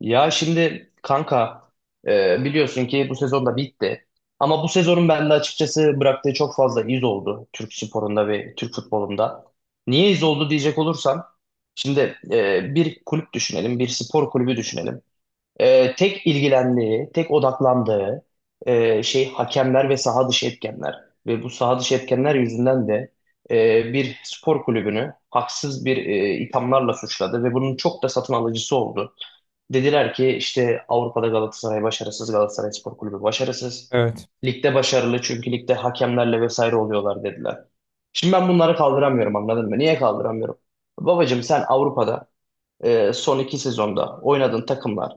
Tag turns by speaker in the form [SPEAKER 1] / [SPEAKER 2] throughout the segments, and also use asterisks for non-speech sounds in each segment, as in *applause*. [SPEAKER 1] Ya şimdi kanka biliyorsun ki bu sezon da bitti. Ama bu sezonun bende açıkçası bıraktığı çok fazla iz oldu Türk sporunda ve Türk futbolunda. Niye iz oldu diyecek olursam şimdi bir kulüp düşünelim, bir spor kulübü düşünelim. Tek ilgilendiği, tek odaklandığı şey hakemler ve saha dışı etkenler. Ve bu saha dışı etkenler yüzünden de bir spor kulübünü haksız bir ithamlarla suçladı ve bunun çok da satın alıcısı oldu. Dediler ki işte Avrupa'da Galatasaray başarısız, Galatasaray Spor Kulübü başarısız.
[SPEAKER 2] Evet.
[SPEAKER 1] Ligde başarılı çünkü ligde hakemlerle vesaire oluyorlar dediler. Şimdi ben bunları kaldıramıyorum anladın mı? Niye kaldıramıyorum? Babacım sen Avrupa'da son 2 sezonda oynadığın takımlar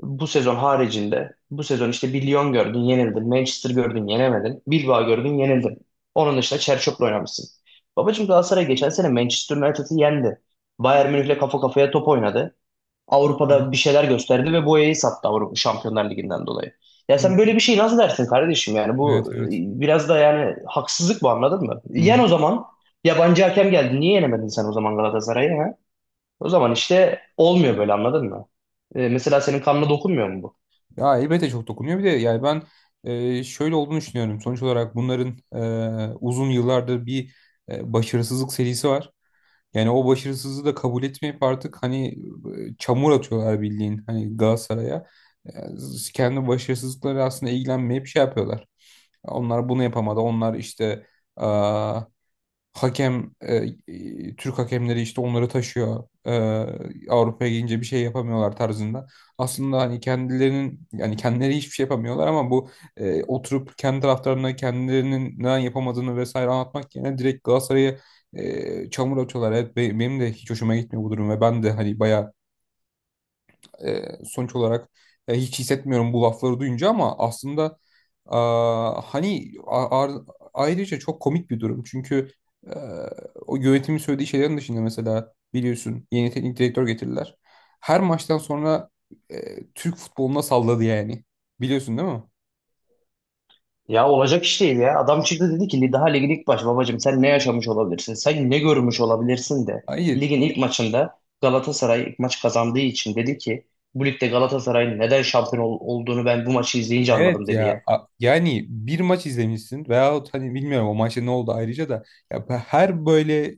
[SPEAKER 1] bu sezon haricinde bu sezon işte bir Lyon gördün yenildin, Manchester gördün yenemedin, Bilbao gördün yenildin. Onun dışında Çerçok'la oynamışsın. Babacım Galatasaray geçen sene Manchester United'ı yendi. Bayern Münih'le kafa kafaya top oynadı.
[SPEAKER 2] Evet.
[SPEAKER 1] Avrupa'da bir şeyler gösterdi ve boyayı sattı Avrupa Şampiyonlar Ligi'nden dolayı. Ya
[SPEAKER 2] Hı.
[SPEAKER 1] sen böyle bir şey nasıl dersin kardeşim yani
[SPEAKER 2] Evet,
[SPEAKER 1] bu
[SPEAKER 2] evet.
[SPEAKER 1] biraz da yani haksızlık bu anladın mı?
[SPEAKER 2] Hı.
[SPEAKER 1] Yen o
[SPEAKER 2] Hı.
[SPEAKER 1] zaman yabancı hakem geldi. Niye yenemedin sen o zaman Galatasaray'ı ha? O zaman işte olmuyor böyle anladın mı? Mesela senin kanına dokunmuyor mu bu?
[SPEAKER 2] Ya elbette çok dokunuyor. Bir de yani ben şöyle olduğunu düşünüyorum. Sonuç olarak bunların uzun yıllardır bir başarısızlık serisi var. Yani o başarısızlığı da kabul etmeyip artık hani çamur atıyorlar bildiğin hani Galatasaray'a. E, Kendi başarısızlıkları aslında ilgilenmeyip şey yapıyorlar. Onlar bunu yapamadı. Onlar işte Hakem e, Türk hakemleri işte onları taşıyor. Avrupa'ya gelince bir şey yapamıyorlar tarzında. Aslında hani kendilerinin yani kendileri hiçbir şey yapamıyorlar ama bu oturup kendi taraftarlarına kendilerinin neden yapamadığını vesaire anlatmak yerine direkt Galatasaray'a çamur atıyorlar. Evet, benim de hiç hoşuma gitmiyor bu durum ve ben de hani bayağı sonuç olarak hiç hissetmiyorum bu lafları duyunca ama aslında hani ayrıca çok komik bir durum. Çünkü e, o yönetimin söylediği şeylerin dışında mesela biliyorsun yeni teknik direktör getirdiler. Her maçtan sonra Türk futboluna salladı yani. Biliyorsun değil mi?
[SPEAKER 1] Ya olacak iş değil ya. Adam çıktı dedi ki daha ligin ilk baş babacım sen ne yaşamış olabilirsin? Sen ne görmüş olabilirsin de
[SPEAKER 2] Hayır.
[SPEAKER 1] ligin ilk maçında Galatasaray ilk maç kazandığı için dedi ki bu ligde Galatasaray'ın neden şampiyon olduğunu ben bu maçı izleyince anladım
[SPEAKER 2] Evet
[SPEAKER 1] dedi
[SPEAKER 2] ya
[SPEAKER 1] ya.
[SPEAKER 2] yani bir maç izlemişsin veyahut hani bilmiyorum o maçta ne oldu ayrıca da, ya her böyle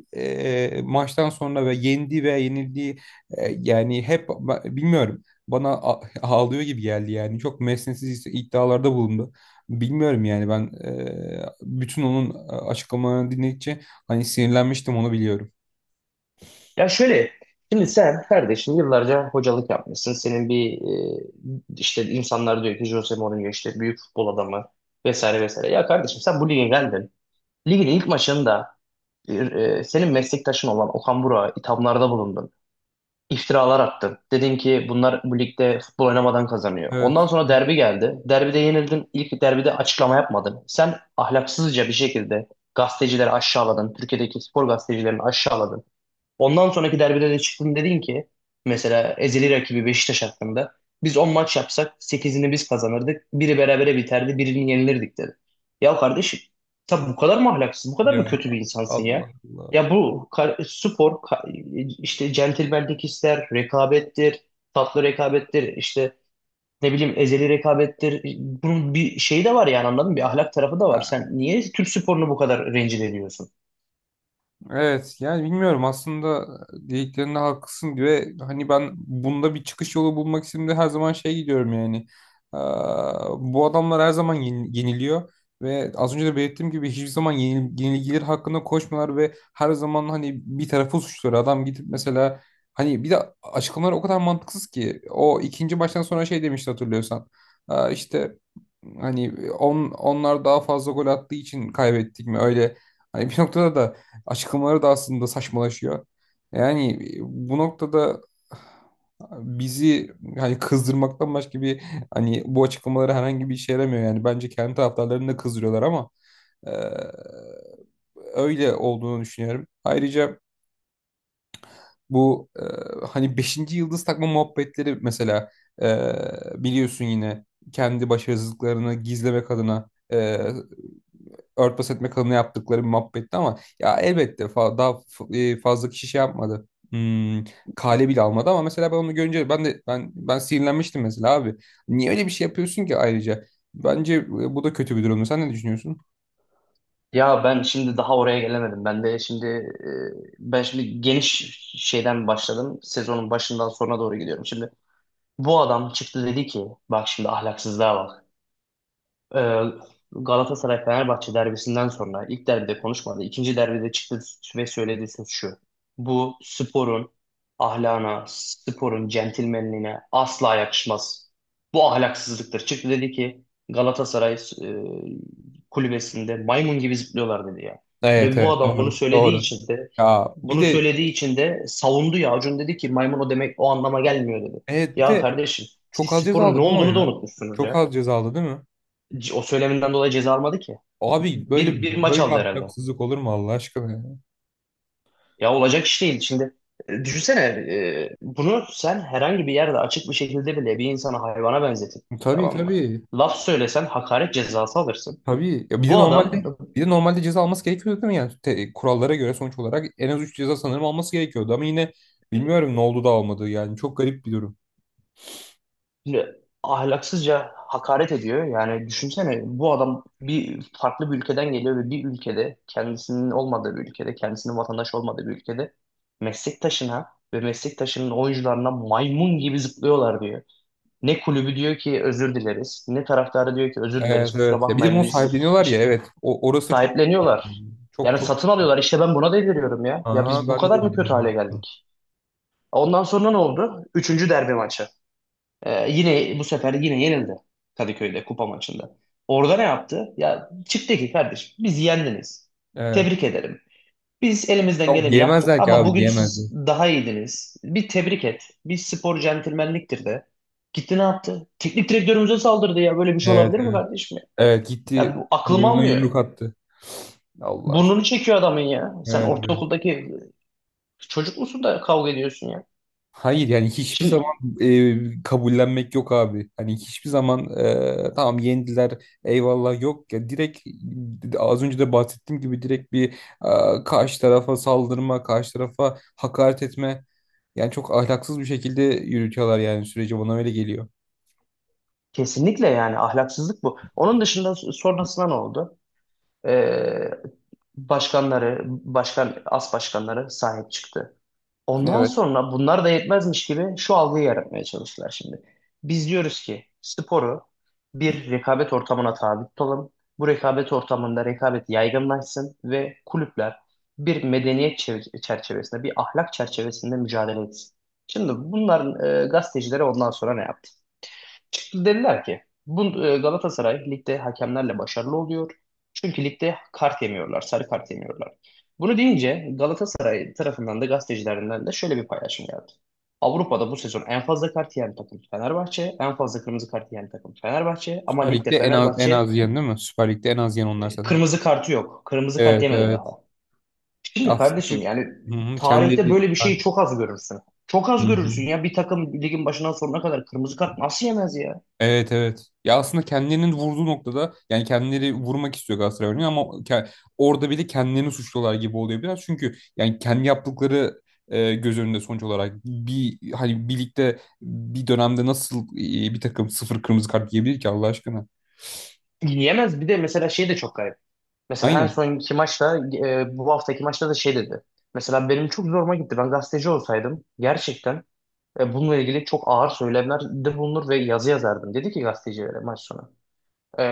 [SPEAKER 2] maçtan sonra ve yendiği veya yenildiği yani hep bilmiyorum, bana *laughs* ağlıyor gibi geldi yani, çok mesnetsiz iddialarda bulundu. Bilmiyorum yani ben bütün onun açıklamalarını dinledikçe hani sinirlenmiştim, onu biliyorum.
[SPEAKER 1] Ya şöyle şimdi sen kardeşim yıllarca hocalık yapmışsın. Senin bir işte insanlar diyor ki Jose Mourinho işte büyük futbol adamı vesaire vesaire. Ya kardeşim sen bu lige geldin. Ligin ilk maçında e, senin meslektaşın olan Okan Burak'a ithamlarda bulundun. İftiralar attın. Dedin ki bunlar bu ligde futbol oynamadan kazanıyor. Ondan
[SPEAKER 2] Evet.
[SPEAKER 1] sonra
[SPEAKER 2] Evet.
[SPEAKER 1] derbi geldi. Derbide yenildin. İlk derbide açıklama yapmadın. Sen ahlaksızca bir şekilde gazetecileri aşağıladın. Türkiye'deki spor gazetecilerini aşağıladın. Ondan sonraki derbide de çıktın dedin ki mesela ezeli rakibi Beşiktaş hakkında biz 10 maç yapsak sekizini biz kazanırdık. Biri berabere biterdi, birini yenilirdik dedi. Ya kardeşim tabi bu kadar mı ahlaksız, bu kadar
[SPEAKER 2] Ya
[SPEAKER 1] mı kötü bir insansın
[SPEAKER 2] Allah
[SPEAKER 1] ya? Ya
[SPEAKER 2] Allah.
[SPEAKER 1] bu kar- spor ka- işte centilmenlik ister, rekabettir, tatlı rekabettir, işte ne bileyim ezeli rekabettir. Bunun bir şeyi de var yani anladın mı? Bir ahlak tarafı da var. Sen niye Türk sporunu bu kadar rencide ediyorsun?
[SPEAKER 2] Evet yani bilmiyorum aslında, dediklerinde haklısın diye hani ben bunda bir çıkış yolu bulmak için de her zaman şey gidiyorum yani. Bu adamlar her zaman yeniliyor ve az önce de belirttiğim gibi hiçbir zaman yenilgiler hakkında koşmuyorlar ve her zaman hani bir tarafı suçluyor, adam gidip mesela, hani bir de açıklamalar o kadar mantıksız ki o ikinci baştan sonra şey demişti, hatırlıyorsan. Aa, işte hani onlar daha fazla gol attığı için kaybettik mi öyle, hani bir noktada da açıklamaları da aslında saçmalaşıyor. Yani bu noktada bizi hani kızdırmaktan başka bir, hani bu açıklamaları herhangi bir işe yaramıyor. Yani bence kendi taraftarlarını da kızdırıyorlar ama e, öyle olduğunu düşünüyorum. Ayrıca bu hani beşinci yıldız takma muhabbetleri mesela, e, biliyorsun yine kendi başarısızlıklarını gizlemek adına örtbas etme kanunu yaptıkları bir muhabbetti ama ya, elbette daha fazla kişi şey yapmadı. Kale bile almadı ama mesela ben onu görünce ben de ben ben sinirlenmiştim mesela abi. Niye öyle bir şey yapıyorsun ki ayrıca? Bence bu da kötü bir durumdu. Sen ne düşünüyorsun?
[SPEAKER 1] Ya ben şimdi daha oraya gelemedim. Ben de şimdi ben şimdi geniş şeyden başladım. Sezonun başından sonuna doğru gidiyorum. Şimdi bu adam çıktı dedi ki bak şimdi ahlaksızlığa bak. Ee, Galatasaray-Fenerbahçe derbisinden sonra ilk derbide konuşmadı. İkinci derbide çıktı ve söylediği söz şu. Bu sporun ahlana, sporun centilmenliğine asla yakışmaz. Bu ahlaksızlıktır. Çıktı dedi ki Galatasaray e, kulübesinde maymun gibi zıplıyorlar dedi ya.
[SPEAKER 2] Evet,
[SPEAKER 1] Ve bu
[SPEAKER 2] evet,
[SPEAKER 1] adam bunu
[SPEAKER 2] doğru
[SPEAKER 1] söylediği
[SPEAKER 2] doğru.
[SPEAKER 1] için de
[SPEAKER 2] Ya bir de,
[SPEAKER 1] savundu ya. Acun dedi ki maymun o demek o anlama gelmiyor dedi.
[SPEAKER 2] evet, bir
[SPEAKER 1] Ya
[SPEAKER 2] de
[SPEAKER 1] kardeşim siz
[SPEAKER 2] çok az ceza
[SPEAKER 1] sporun ne
[SPEAKER 2] aldı değil mi o
[SPEAKER 1] olduğunu da
[SPEAKER 2] ya?
[SPEAKER 1] unutmuşsunuz
[SPEAKER 2] Çok
[SPEAKER 1] ya.
[SPEAKER 2] az ceza aldı değil mi?
[SPEAKER 1] O söyleminden dolayı ceza almadı ki.
[SPEAKER 2] Abi böyle
[SPEAKER 1] Bir maç
[SPEAKER 2] böyle
[SPEAKER 1] aldı herhalde.
[SPEAKER 2] ahlaksızlık olur mu Allah aşkına ya?
[SPEAKER 1] Ya olacak iş değil. Şimdi düşünsene bunu sen herhangi bir yerde açık bir şekilde bile bir insana hayvana benzetip
[SPEAKER 2] Tabii
[SPEAKER 1] tamam mı?
[SPEAKER 2] tabii.
[SPEAKER 1] Laf söylesen hakaret cezası alırsın.
[SPEAKER 2] Tabii. Ya bir de
[SPEAKER 1] Bu
[SPEAKER 2] normalde
[SPEAKER 1] adam
[SPEAKER 2] bir de normalde ceza alması gerekiyordu değil mi? Yani kurallara göre sonuç olarak en az 3 ceza sanırım alması gerekiyordu ama yine bilmiyorum ne oldu da almadı. Yani çok garip bir durum.
[SPEAKER 1] e, ahlaksızca hakaret ediyor. Yani düşünsene bu adam bir farklı bir ülkeden geliyor ve bir ülkede kendisinin olmadığı bir ülkede, kendisinin vatandaşı olmadığı bir ülkede meslektaşına ve meslektaşının oyuncularına maymun gibi zıplıyorlar diyor. Ne kulübü diyor ki özür dileriz, ne taraftarı diyor ki özür dileriz,
[SPEAKER 2] Evet
[SPEAKER 1] kusura
[SPEAKER 2] evet. Ya bir de
[SPEAKER 1] bakmayın
[SPEAKER 2] bunu
[SPEAKER 1] biz
[SPEAKER 2] sahipleniyorlar ya,
[SPEAKER 1] iş-
[SPEAKER 2] evet. Orası da çok
[SPEAKER 1] sahipleniyorlar.
[SPEAKER 2] çok
[SPEAKER 1] Yani
[SPEAKER 2] çok.
[SPEAKER 1] satın alıyorlar. İşte ben buna deliriyorum ya. Ya
[SPEAKER 2] Aha,
[SPEAKER 1] biz bu
[SPEAKER 2] ben de
[SPEAKER 1] kadar
[SPEAKER 2] dedi
[SPEAKER 1] mı kötü
[SPEAKER 2] bilmem.
[SPEAKER 1] hale geldik? Ondan sonra ne oldu? Üçüncü derbi maçı. Yine bu sefer yine yenildi Kadıköy'de kupa maçında. Orada ne yaptı? Ya çıktı ki kardeşim biz yendiniz.
[SPEAKER 2] Evet.
[SPEAKER 1] Tebrik ederim. Biz elimizden
[SPEAKER 2] Yok,
[SPEAKER 1] geleni yaptık
[SPEAKER 2] diyemezler ki
[SPEAKER 1] ama
[SPEAKER 2] abi,
[SPEAKER 1] bugün
[SPEAKER 2] diyemezler.
[SPEAKER 1] siz daha iyiydiniz. Bir tebrik et. Bir spor centilmenliktir de. Gitti ne yaptı? Teknik direktörümüze saldırdı ya. Böyle bir şey
[SPEAKER 2] Evet
[SPEAKER 1] olabilir mi
[SPEAKER 2] evet.
[SPEAKER 1] kardeşim ya?
[SPEAKER 2] Evet, gitti
[SPEAKER 1] Ya bu aklım
[SPEAKER 2] burnuna
[SPEAKER 1] almıyor.
[SPEAKER 2] yumruk attı. Allah aşkına.
[SPEAKER 1] Burnunu çekiyor adamın ya. Sen
[SPEAKER 2] Evet evet.
[SPEAKER 1] ortaokuldaki çocuk musun da kavga ediyorsun ya.
[SPEAKER 2] Hayır yani hiçbir zaman
[SPEAKER 1] Şimdi
[SPEAKER 2] kabullenmek yok abi. Hani hiçbir zaman tamam yendiler, eyvallah, yok ya, direkt az önce de bahsettiğim gibi direkt bir karşı tarafa saldırma, karşı tarafa hakaret etme. Yani çok ahlaksız bir şekilde yürütüyorlar yani, süreci bana öyle geliyor.
[SPEAKER 1] kesinlikle yani ahlaksızlık bu. Onun dışında sonrasında ne oldu? Ee, başkanları, başkan, as başkanları sahip çıktı. Ondan
[SPEAKER 2] Evet.
[SPEAKER 1] sonra bunlar da yetmezmiş gibi şu algıyı yaratmaya çalıştılar şimdi. Biz diyoruz ki sporu bir rekabet ortamına tabi tutalım. Bu rekabet ortamında rekabet yaygınlaşsın ve kulüpler bir medeniyet çerçevesinde, bir ahlak çerçevesinde mücadele etsin. Şimdi bunların gazetecileri ondan sonra ne yaptı? Çıktı dediler ki bu Galatasaray ligde hakemlerle başarılı oluyor. Çünkü ligde kart yemiyorlar, sarı kart yemiyorlar. Bunu deyince Galatasaray tarafından da gazetecilerinden de şöyle bir paylaşım geldi. Avrupa'da bu sezon en fazla kart yiyen takım Fenerbahçe, en fazla kırmızı kart yiyen takım Fenerbahçe ama
[SPEAKER 2] Süper
[SPEAKER 1] ligde
[SPEAKER 2] Lig'de en az, en
[SPEAKER 1] Fenerbahçe
[SPEAKER 2] az yiyen değil mi? Süper Lig'de en az yiyen onlar zaten.
[SPEAKER 1] kırmızı kartı yok. Kırmızı kart
[SPEAKER 2] Evet
[SPEAKER 1] yemedi daha.
[SPEAKER 2] evet.
[SPEAKER 1] Şimdi
[SPEAKER 2] Aslında,
[SPEAKER 1] kardeşim yani
[SPEAKER 2] hı hı,
[SPEAKER 1] tarihte
[SPEAKER 2] kendi.
[SPEAKER 1] böyle bir şeyi çok az görürsün. Çok
[SPEAKER 2] Hı
[SPEAKER 1] az görürsün
[SPEAKER 2] hı.
[SPEAKER 1] ya bir takım ligin başından sonuna kadar kırmızı kart nasıl yemez ya?
[SPEAKER 2] Evet evet. Ya aslında kendilerinin vurduğu noktada yani, kendileri vurmak istiyor Galatasaray örneğin ama orada bile kendilerini suçluyorlar gibi oluyor biraz. Çünkü yani kendi yaptıkları göz önünde sonuç olarak, bir hani birlikte bir dönemde nasıl bir takım sıfır kırmızı kart yiyebilir ki Allah aşkına?
[SPEAKER 1] Yemez bir de mesela şey de çok garip. Mesela en
[SPEAKER 2] Aynen.
[SPEAKER 1] sonki maçta bu haftaki maçta da şey dedi. Mesela benim çok zoruma gitti. Ben gazeteci olsaydım gerçekten bununla ilgili çok ağır söylemlerde bulunur ve yazı yazardım. Dedi ki gazetecilere maç sonu. E,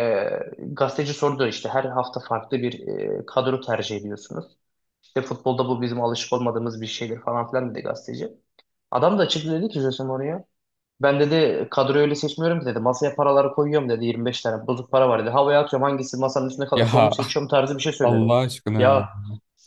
[SPEAKER 1] gazeteci sordu işte her hafta farklı bir kadro tercih ediyorsunuz. İşte futbolda bu bizim alışık olmadığımız bir şeydir falan filan dedi gazeteci. Adam da açık dedi ki Jose Mourinho. Ben dedi kadroyu öyle seçmiyorum ki dedi. Masaya paraları koyuyorum dedi. 25 tane bozuk para var dedi. Havaya atıyorum hangisi masanın üstünde
[SPEAKER 2] Ya
[SPEAKER 1] kalırsa onu
[SPEAKER 2] *laughs*
[SPEAKER 1] seçiyorum tarzı bir şey söyledi.
[SPEAKER 2] Allah aşkına
[SPEAKER 1] Ya
[SPEAKER 2] ya.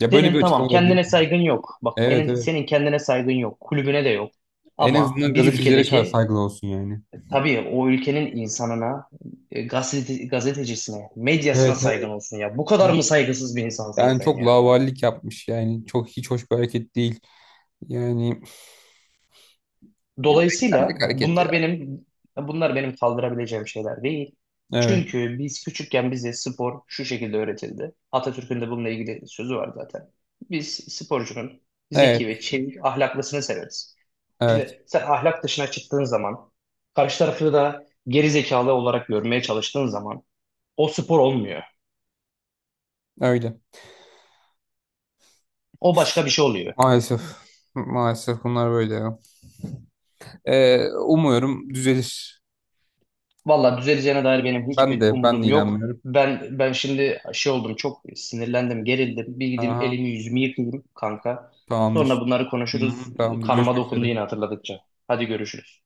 [SPEAKER 2] Ya böyle bir
[SPEAKER 1] tamam
[SPEAKER 2] açıklama olabilir mi?
[SPEAKER 1] kendine saygın yok. Bak
[SPEAKER 2] Evet
[SPEAKER 1] senin,
[SPEAKER 2] evet.
[SPEAKER 1] senin kendine saygın yok. Kulübüne de yok.
[SPEAKER 2] En
[SPEAKER 1] Ama
[SPEAKER 2] azından
[SPEAKER 1] bir
[SPEAKER 2] gazetecilere
[SPEAKER 1] ülkedeki
[SPEAKER 2] saygılı olsun yani.
[SPEAKER 1] tabii o ülkenin insanına, gazete, gazetecisine, medyasına
[SPEAKER 2] Evet
[SPEAKER 1] saygın
[SPEAKER 2] evet.
[SPEAKER 1] olsun ya. Bu kadar mı saygısız bir insansın
[SPEAKER 2] Yani
[SPEAKER 1] sen
[SPEAKER 2] çok
[SPEAKER 1] ya?
[SPEAKER 2] lavallik yapmış yani, çok hiç hoş bir hareket değil. Yani
[SPEAKER 1] Dolayısıyla
[SPEAKER 2] beklendik hareket
[SPEAKER 1] bunlar
[SPEAKER 2] ya.
[SPEAKER 1] benim kaldırabileceğim şeyler değil.
[SPEAKER 2] Evet,
[SPEAKER 1] Çünkü biz küçükken bize spor şu şekilde öğretildi. Atatürk'ün de bununla ilgili sözü var zaten. Biz sporcunun
[SPEAKER 2] evet,
[SPEAKER 1] zeki ve çevik ahlaklısını severiz.
[SPEAKER 2] evet.
[SPEAKER 1] Şimdi sen ahlak dışına çıktığın zaman, karşı tarafı da geri zekalı olarak görmeye çalıştığın zaman o spor olmuyor.
[SPEAKER 2] Öyle.
[SPEAKER 1] O başka bir şey oluyor.
[SPEAKER 2] Maalesef, maalesef bunlar böyle ya. Umuyorum düzelir.
[SPEAKER 1] Valla düzeleceğine dair benim
[SPEAKER 2] Ben
[SPEAKER 1] hiçbir
[SPEAKER 2] de ben de
[SPEAKER 1] umudum yok.
[SPEAKER 2] inanmıyorum.
[SPEAKER 1] Ben şimdi şey oldum çok sinirlendim, gerildim. Bir gideyim
[SPEAKER 2] Aha,
[SPEAKER 1] elimi yüzümü yıkayayım kanka.
[SPEAKER 2] tamamdır.
[SPEAKER 1] Sonra bunları
[SPEAKER 2] Hı
[SPEAKER 1] konuşuruz.
[SPEAKER 2] hı, tamamdır.
[SPEAKER 1] Kanıma
[SPEAKER 2] Görüşmek
[SPEAKER 1] dokundu
[SPEAKER 2] üzere.
[SPEAKER 1] yine hatırladıkça. Hadi görüşürüz.